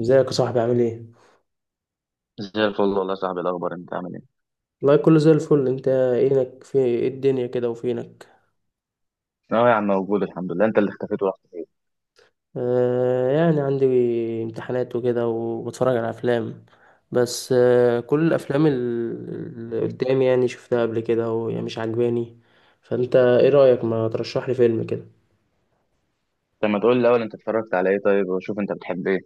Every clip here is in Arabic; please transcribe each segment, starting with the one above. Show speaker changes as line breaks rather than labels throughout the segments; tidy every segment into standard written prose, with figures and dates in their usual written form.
ازيك يا صاحبي عامل ايه؟
زي الفل والله يا صاحبي، الاخبار انت عامل ايه؟
والله كله زي الفل، انت اينك في ايه الدنيا كده وفينك؟
اه يا عم، موجود الحمد لله، انت اللي اختفيت ورحت فين؟
يعني عندي امتحانات وكده وبتفرج على افلام. بس كل الافلام اللي قدامي يعني شفتها قبل كده وهي مش عجباني، فانت ايه رأيك ما ترشح لي فيلم كده؟
طب ما تقول لي الاول انت اتفرجت على ايه طيب، وشوف انت بتحب ايه.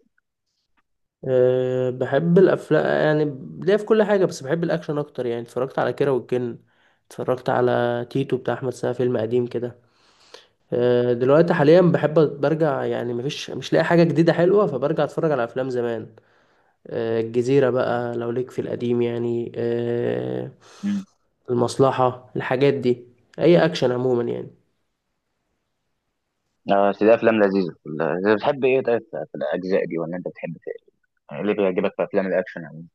بحب الافلام يعني، ليا في كل حاجة، بس بحب الاكشن اكتر. يعني اتفرجت على كيرة والجن، اتفرجت على تيتو بتاع احمد سقا، فيلم قديم كده. دلوقتي حاليا بحب برجع، يعني مفيش، مش لاقي حاجة جديدة حلوة، فبرجع اتفرج على افلام زمان. الجزيرة بقى لو ليك في القديم يعني،
امم.
المصلحة، الحاجات دي، اي اكشن عموما يعني.
اه بس دي افلام لذيذه. لا، بتحب ايه طيب في الاجزاء دي، ولا انت بتحب ايه؟ يعني ليه بيعجبك في افلام الاكشن يعني؟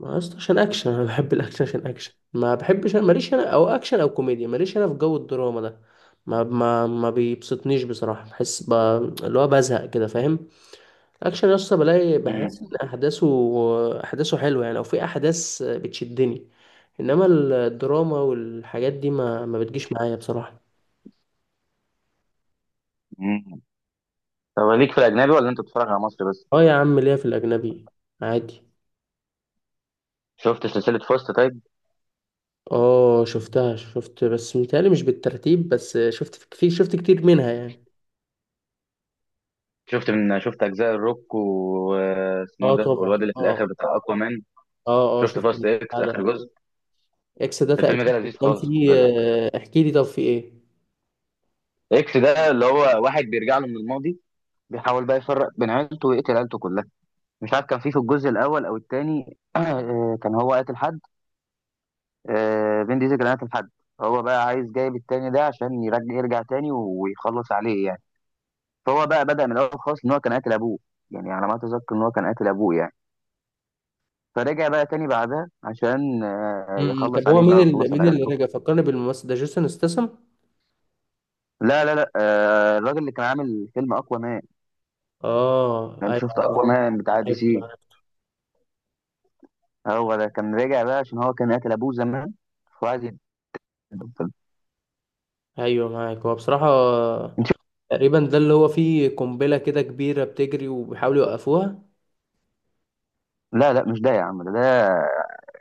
ما أصل عشان اكشن، انا بحب الاكشن عشان اكشن، ما بحبش ماليش انا، او اكشن او كوميديا، ماليش انا في جو الدراما ده، ما بيبسطنيش بصراحة، بحس اللي هو بزهق كده فاهم. اكشن يا اسطى بلاقي، بحس ان
امم.
احداثه حلوه يعني، او في احداث بتشدني. انما الدراما والحاجات دي ما بتجيش معايا بصراحه.
امم. طب ليك في الاجنبي ولا انت بتتفرج على مصري بس؟
اه يا عم ليا في الاجنبي عادي.
شفت سلسله فاست طيب؟
اه شفتها، شفت بس متهيألي مش بالترتيب، بس شفت شفت كتير منها يعني.
شفت اجزاء الروك واسمه
اه
ده،
طبعا
والواد اللي في الاخر بتاع اقوى مان.
اه
شفت
شفت
فاست اكس
البتاع ده.
اخر جزء؟
اكس ده
الفيلم
تقريبا
ده لذيذ
كان
خالص، خد
فيه،
بالك.
احكي لي طب في ايه.
اكس ده اللي هو واحد بيرجع له من الماضي، بيحاول بقى يفرق بين عيلته ويقتل عيلته كلها. مش عارف كان في الجزء الاول او الثاني كان هو قاتل حد. فين ديزل كان قاتل حد. هو بقى عايز جايب التاني ده عشان يرجع تاني ويخلص عليه يعني. فهو بقى بدأ من الاول خالص ان هو كان قاتل ابوه، يعني على ما اتذكر ان هو كان قاتل ابوه يعني. فرجع بقى تاني بعدها عشان يخلص
طب هو
عليه بقى
مين
ويخلص على
اللي
عيلته.
رجع؟ فكرني بالممثل ده جيسون استسم.
لا لا لا، الراجل اللي كان عامل فيلم اقوى مان.
اه
انت شفت
ايوه،
اقوى مان بتاع دي
عرفت.
سي هو ده كان راجع بقى عشان هو كان قاتل ابوه زمان، وعايز ينتقم.
ايوه معاك، هو بصراحة تقريبا ده اللي هو فيه قنبلة كده كبيرة بتجري وبيحاولوا يوقفوها.
لا لا، مش ده يا عم، ده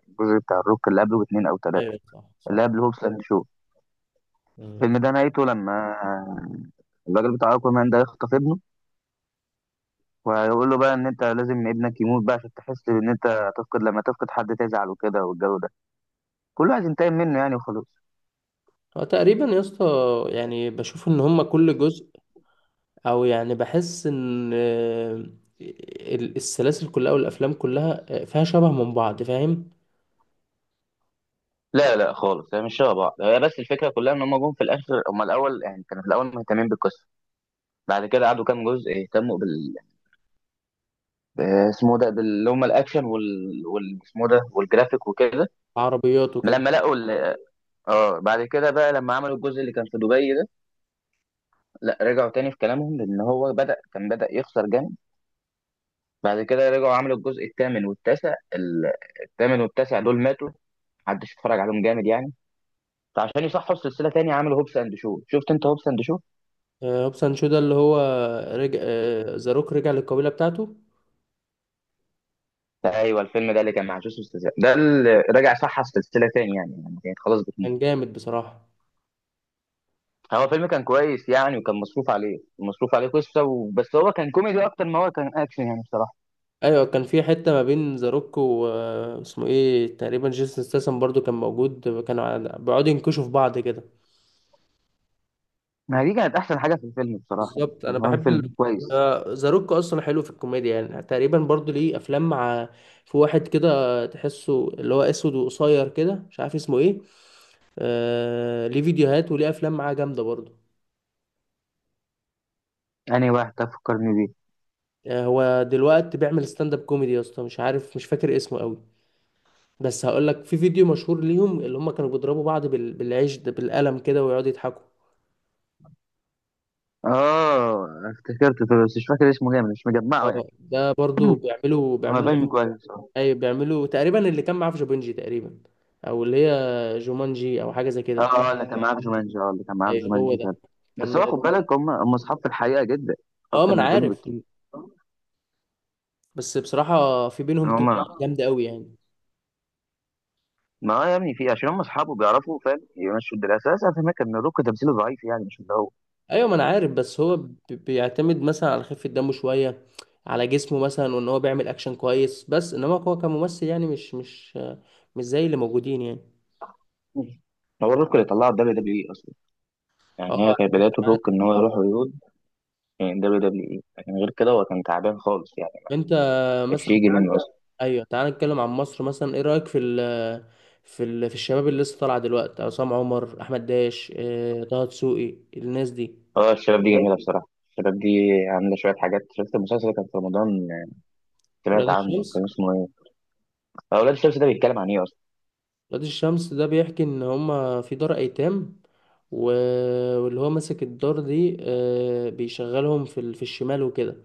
الجزء بتاع الروك اللي قبله باتنين او تلاتة.
ايوه صح
اللي
صح.
قبل هوبس اند شو.
مم.
الفيلم ده نهايته لما الراجل بتاع اكوامان ده يخطف ابنه، ويقول له بقى ان انت لازم ابنك يموت بقى عشان تحس ان انت هتفقد، لما تفقد حد تزعل وكده والجو ده، كله عايز ينتقم منه يعني وخلاص.
هو تقريبا يا اسطى، يعني بشوف ان هما كل جزء، او يعني بحس ان السلاسل كلها والافلام كلها فيها شبه من بعض فاهم.
لا لا خالص، هي مش شبه بعض، هي بس الفكره كلها ان هم جم في الاخر، هم الاول يعني كانوا في الاول مهتمين بالقصه. بعد كده قعدوا كام جزء يهتموا ب- اسمه ده اللي هم الاكشن اسمه ده والجرافيك وكده.
عربيات وكده.
لما لقوا اه بعد كده بقى لما عملوا الجزء اللي كان في دبي ده، لا رجعوا تاني في كلامهم لان هو كان بدأ يخسر جامد. بعد كده رجعوا عملوا الجزء الثامن والتاسع الثامن والتاسع دول ماتوا، محدش اتفرج عليهم جامد يعني. فعشان يصحوا السلسله تاني عملوا هوبس اند شو. شفت انت هوبس اند شو؟
هوبس اند شو ده اللي هو رجع، ذا روك رجع للقبيلة بتاعته.
ايوه الفيلم ده اللي كان مع جوسوس ستاثام. ده اللي رجع صح السلسله تاني، يعني كانت خلاص بتموت.
كان جامد بصراحة.
هو فيلم كان كويس يعني، وكان مصروف عليه قصه. و... بس هو كان كوميدي اكتر ما هو كان اكشن يعني بصراحه.
ايوه كان في حته ما بين ذا روك واسمه ايه تقريبا، جيسون ستاثام برضو كان موجود، كانوا بيقعدوا ينكشوا في بعض كده.
ما دي كانت احسن حاجه في الفيلم بصراحه
بالظبط، انا
يعني، هو
بحب
الفيلم كويس.
ذا روك اصلا حلو في الكوميديا، يعني تقريبا برضو ليه افلام مع، في واحد كده تحسه اللي هو اسود وقصير كده، مش عارف اسمه ايه. ليه فيديوهات وليه افلام معاه جامده برضو.
أنهي واحد تفكرني بيه؟
آه هو دلوقتي بيعمل ستاند اب كوميدي يا اسطى، مش عارف مش فاكر اسمه قوي، بس هقول لك، في فيديو مشهور ليهم اللي هم كانوا بيضربوا بعض بالعيش ده، بالقلم كده، ويقعدوا يضحكوا.
آه افتكرته بس مش فاكر اسمه جامد، مش مجمعه يعني.
اه ده برضو
هو
بيعملوا.
فيلم كويس اه.
اي بيعملوا تقريبا اللي كان معاه في جوبنجي تقريبا، او اللي هي جومانجي او حاجه زي كده.
اه اللي كان معاه في جومانجي، اه اللي كان معاه في
ايوه هو
جومانجي فعلا.
ده.
بس
كان.
هو خد بالك، هم أصحاب في الحقيقة جدا،
اه ما
أكتر
انا
من الفيلم
عارف.
بكتير.
بس بصراحه في بينهم كده
هما.
جامده قوي يعني.
ما هو يا ابني في عشان هم أصحابه بيعرفوا فاهم يمشوا الدنيا، أساسا أفهمك إن روك تمثيله ضعيف يعني مش اللي هو.
ايوه ما انا عارف، بس هو بيعتمد مثلا على خفه دمه شويه، على جسمه مثلا، وان هو بيعمل اكشن كويس، بس انما هو كممثل يعني، مش زي اللي موجودين يعني.
هو الروك اللي طلعه WWE اصلا، يعني
اه
هي كانت
عارف
بدايه
عارف.
الروك ان هو يروح هوليوود من WWE، لكن غير كده هو كان تعبان خالص يعني.
انت مثلا.
الشيء يجي منه.
ايوه تعال نتكلم عن مصر مثلا، ايه رايك في الشباب اللي لسه طالعه دلوقتي؟ عصام عمر، احمد داش، طه دسوقي، الناس دي.
اه الشباب دي جميلة بصراحة، الشباب دي عاملة شوية حاجات. شفت المسلسل اللي كان في رمضان،
ولاد
سمعت عنه
الشمس.
كان اسمه ايه؟ آه، أولاد الشمس ده بيتكلم عن ايه أصلا؟
ولاد الشمس ده بيحكي ان هما في دار ايتام، واللي هو ماسك الدار دي بيشغلهم في في الشمال وكده.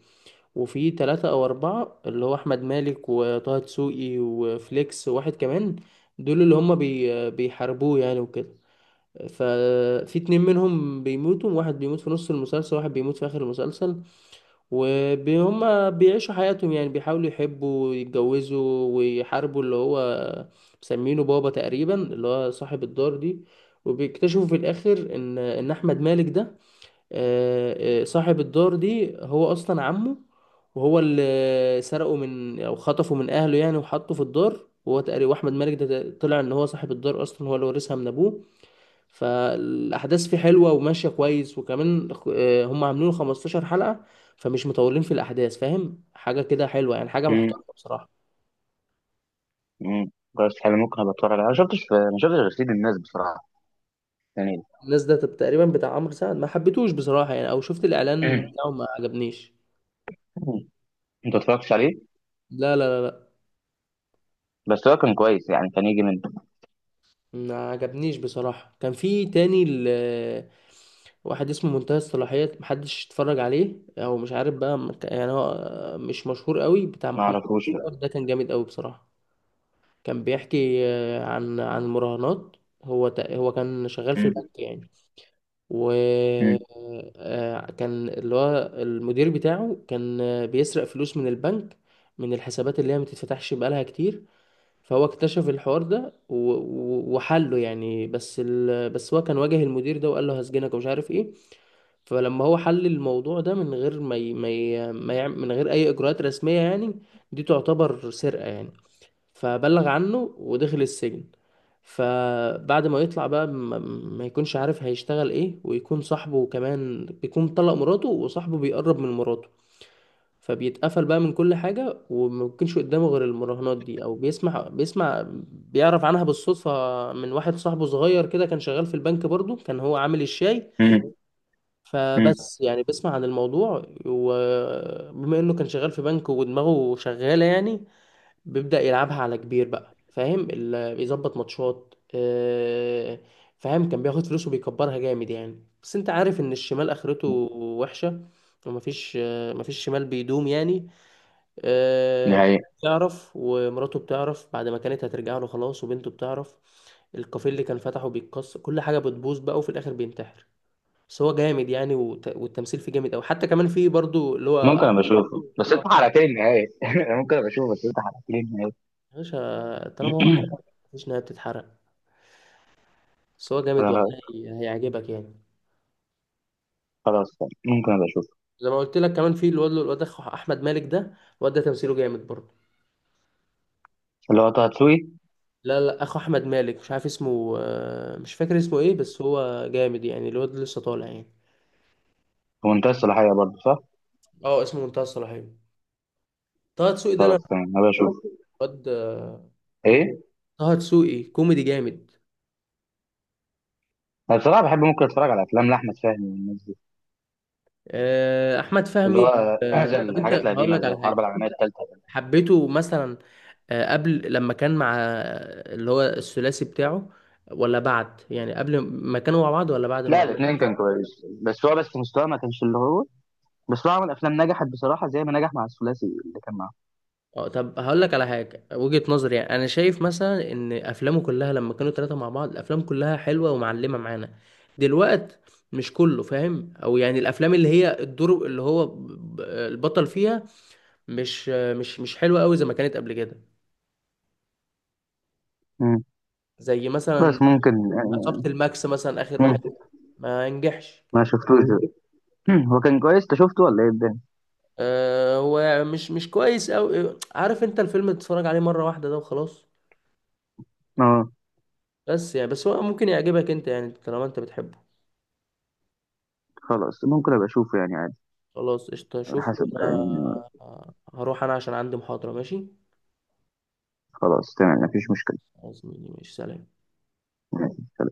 وفي ثلاثة او اربعة، اللي هو احمد مالك وطه دسوقي وفليكس وواحد كمان، دول اللي هما بيحاربوه يعني وكده. ففي اتنين منهم بيموتوا، واحد بيموت في نص المسلسل، واحد بيموت في آخر المسلسل. وهما بيعيشوا حياتهم، يعني بيحاولوا يحبوا ويتجوزوا ويحاربوا اللي هو مسمينه بابا تقريبا، اللي هو صاحب الدار دي. وبيكتشفوا في الآخر إن أحمد مالك ده صاحب الدار دي هو أصلا عمه، وهو اللي سرقه من، أو خطفه من أهله يعني، وحطه في الدار. وهو تقريبا، وأحمد مالك ده طلع إن هو صاحب الدار أصلا، هو اللي ورثها من أبوه. فالاحداث فيه حلوه وماشيه كويس، وكمان هم عاملين له 15 حلقه، فمش مطولين في الاحداث، فاهم؟ حاجه كده حلوه يعني، حاجه
امم.
محترمه بصراحه.
امم. خلاص حلو، ممكن ابقى اتفرج عليه. انا ما شفتش غير سيد الناس بصراحة يعني.
الناس ده تقريبا بتاع عمرو سعد، ما حبيتهوش بصراحه يعني، او شفت الاعلان بتاعه ما عجبنيش.
انت متفرجتش عليه؟
لا لا لا لا.
بس هو كان كويس يعني، كان يجي منه.
ما عجبنيش بصراحه، كان في تاني واحد اسمه منتهى الصلاحيه، محدش اتفرج عليه او مش عارف بقى يعني، هو مش مشهور قوي بتاع
ما
محمد
اعرفوش لا.
صلاح، ده كان جامد قوي بصراحه. كان بيحكي عن المراهنات. هو كان شغال في
امم.
البنك يعني، و
امم.
كان اللي هو المدير بتاعه كان بيسرق فلوس من البنك، من الحسابات اللي هي ما تتفتحش بقالها كتير. فهو اكتشف الحوار ده وحله يعني، بس بس هو كان واجه المدير ده وقال له هسجنك ومش عارف ايه. فلما هو حل الموضوع ده من غير ما يعمل، من غير اي اجراءات رسمية يعني، دي تعتبر سرقة يعني، فبلغ عنه ودخل السجن. فبعد ما يطلع بقى ما يكونش عارف هيشتغل ايه، ويكون صاحبه كمان بيكون طلق مراته، وصاحبه بيقرب من مراته، فبيتقفل بقى من كل حاجة، وما بيكونش قدامه غير المراهنات دي، او بيسمع، بيعرف عنها بالصدفة من واحد صاحبه صغير كده، كان شغال في البنك برضو، كان هو عامل الشاي.
امم. امم.
فبس يعني بيسمع عن الموضوع، وبما انه كان شغال في بنك ودماغه شغالة يعني، بيبدأ يلعبها على كبير بقى، فاهم؟ بيظبط ماتشات فاهم. كان بياخد فلوس وبيكبرها جامد يعني، بس انت عارف ان الشمال اخرته وحشة، ومفيش مفيش شمال بيدوم يعني. آه،
نهاية.
بتعرف، ومراته بتعرف بعد ما كانت هترجع له خلاص، وبنته بتعرف. الكافيه اللي كان فتحه بيتكسر، كل حاجة بتبوظ بقى، وفي الاخر بينتحر. بس هو جامد يعني، والتمثيل فيه جامد أوي، حتى كمان فيه برضو اللي
ممكن
هو.
ابقى اشوفه بس انت حرقت لي النهاية. أنا ممكن ابقى اشوفه بس انت حرقت لي النهاية.
يا باشا طالما هو حلو مفيش نهاية بتتحرق. بس هو جامد والله،
أنا
هيعجبك يعني.
خلاص، ممكن ابقى اشوفه.
زي ما قلت لك، كمان في الواد اخو احمد مالك ده، الواد ده تمثيله جامد برضه.
اللي هو طه دسوقي؟
لا لا، اخو احمد مالك مش عارف اسمه، مش فاكر اسمه ايه، بس هو جامد يعني، الواد لسه طالع يعني.
في منتهى الصلاحية برضه صح؟
اه اسمه منتهى الصلاحيه. طه دسوقي ده انا
خلاص تمام هبقى اشوف.
الواد،
ايه.
طه دسوقي كوميدي جامد.
انا بصراحه بحب، ممكن اتفرج على افلام لاحمد فهمي والناس دي،
احمد
اللي
فهمي.
هو زي
طب انت
الحاجات
هقول
القديمه
لك
زي
على
الحرب
حاجه،
العالميه الثالثه.
حبيته مثلا قبل لما كان مع اللي هو الثلاثي بتاعه، ولا بعد يعني؟ قبل ما كانوا مع بعض ولا بعد
لا
ما.
الاثنين كان كويس، بس مستواه ما كانش اللي هو. بس هو عمل افلام نجحت بصراحه زي ما نجح مع الثلاثي اللي كان معاه.
اه طب هقول لك على حاجه، وجهه نظري يعني، انا شايف مثلا ان افلامه كلها لما كانوا ثلاثه مع بعض الافلام كلها حلوه ومعلمه معانا دلوقت، مش كله فاهم، او يعني الافلام اللي هي الدور اللي هو البطل فيها مش حلوه قوي زي ما كانت قبل كده.
مم.
زي مثلا
بس ممكن.
عصابه الماكس مثلا، اخر واحد،
مم.
ما نجحش.
ما شفتوش. مم. هو كان كويس، انت شفته ولا ايه الدنيا؟
آه هو مش كويس قوي، عارف انت الفيلم تتفرج عليه مره واحده ده وخلاص.
اه.
بس يعني بس هو ممكن يعجبك انت يعني، طالما انت بتحبه.
خلاص ممكن ابقى اشوفه يعني، عادي
خلاص قشطة،
على
شوف
حسب
انا
يعني.
هروح انا عشان عندي محاضرة، ماشي،
خلاص تمام مفيش مشكله.
خلاص ماشي، سلام.
ماشي، سلام.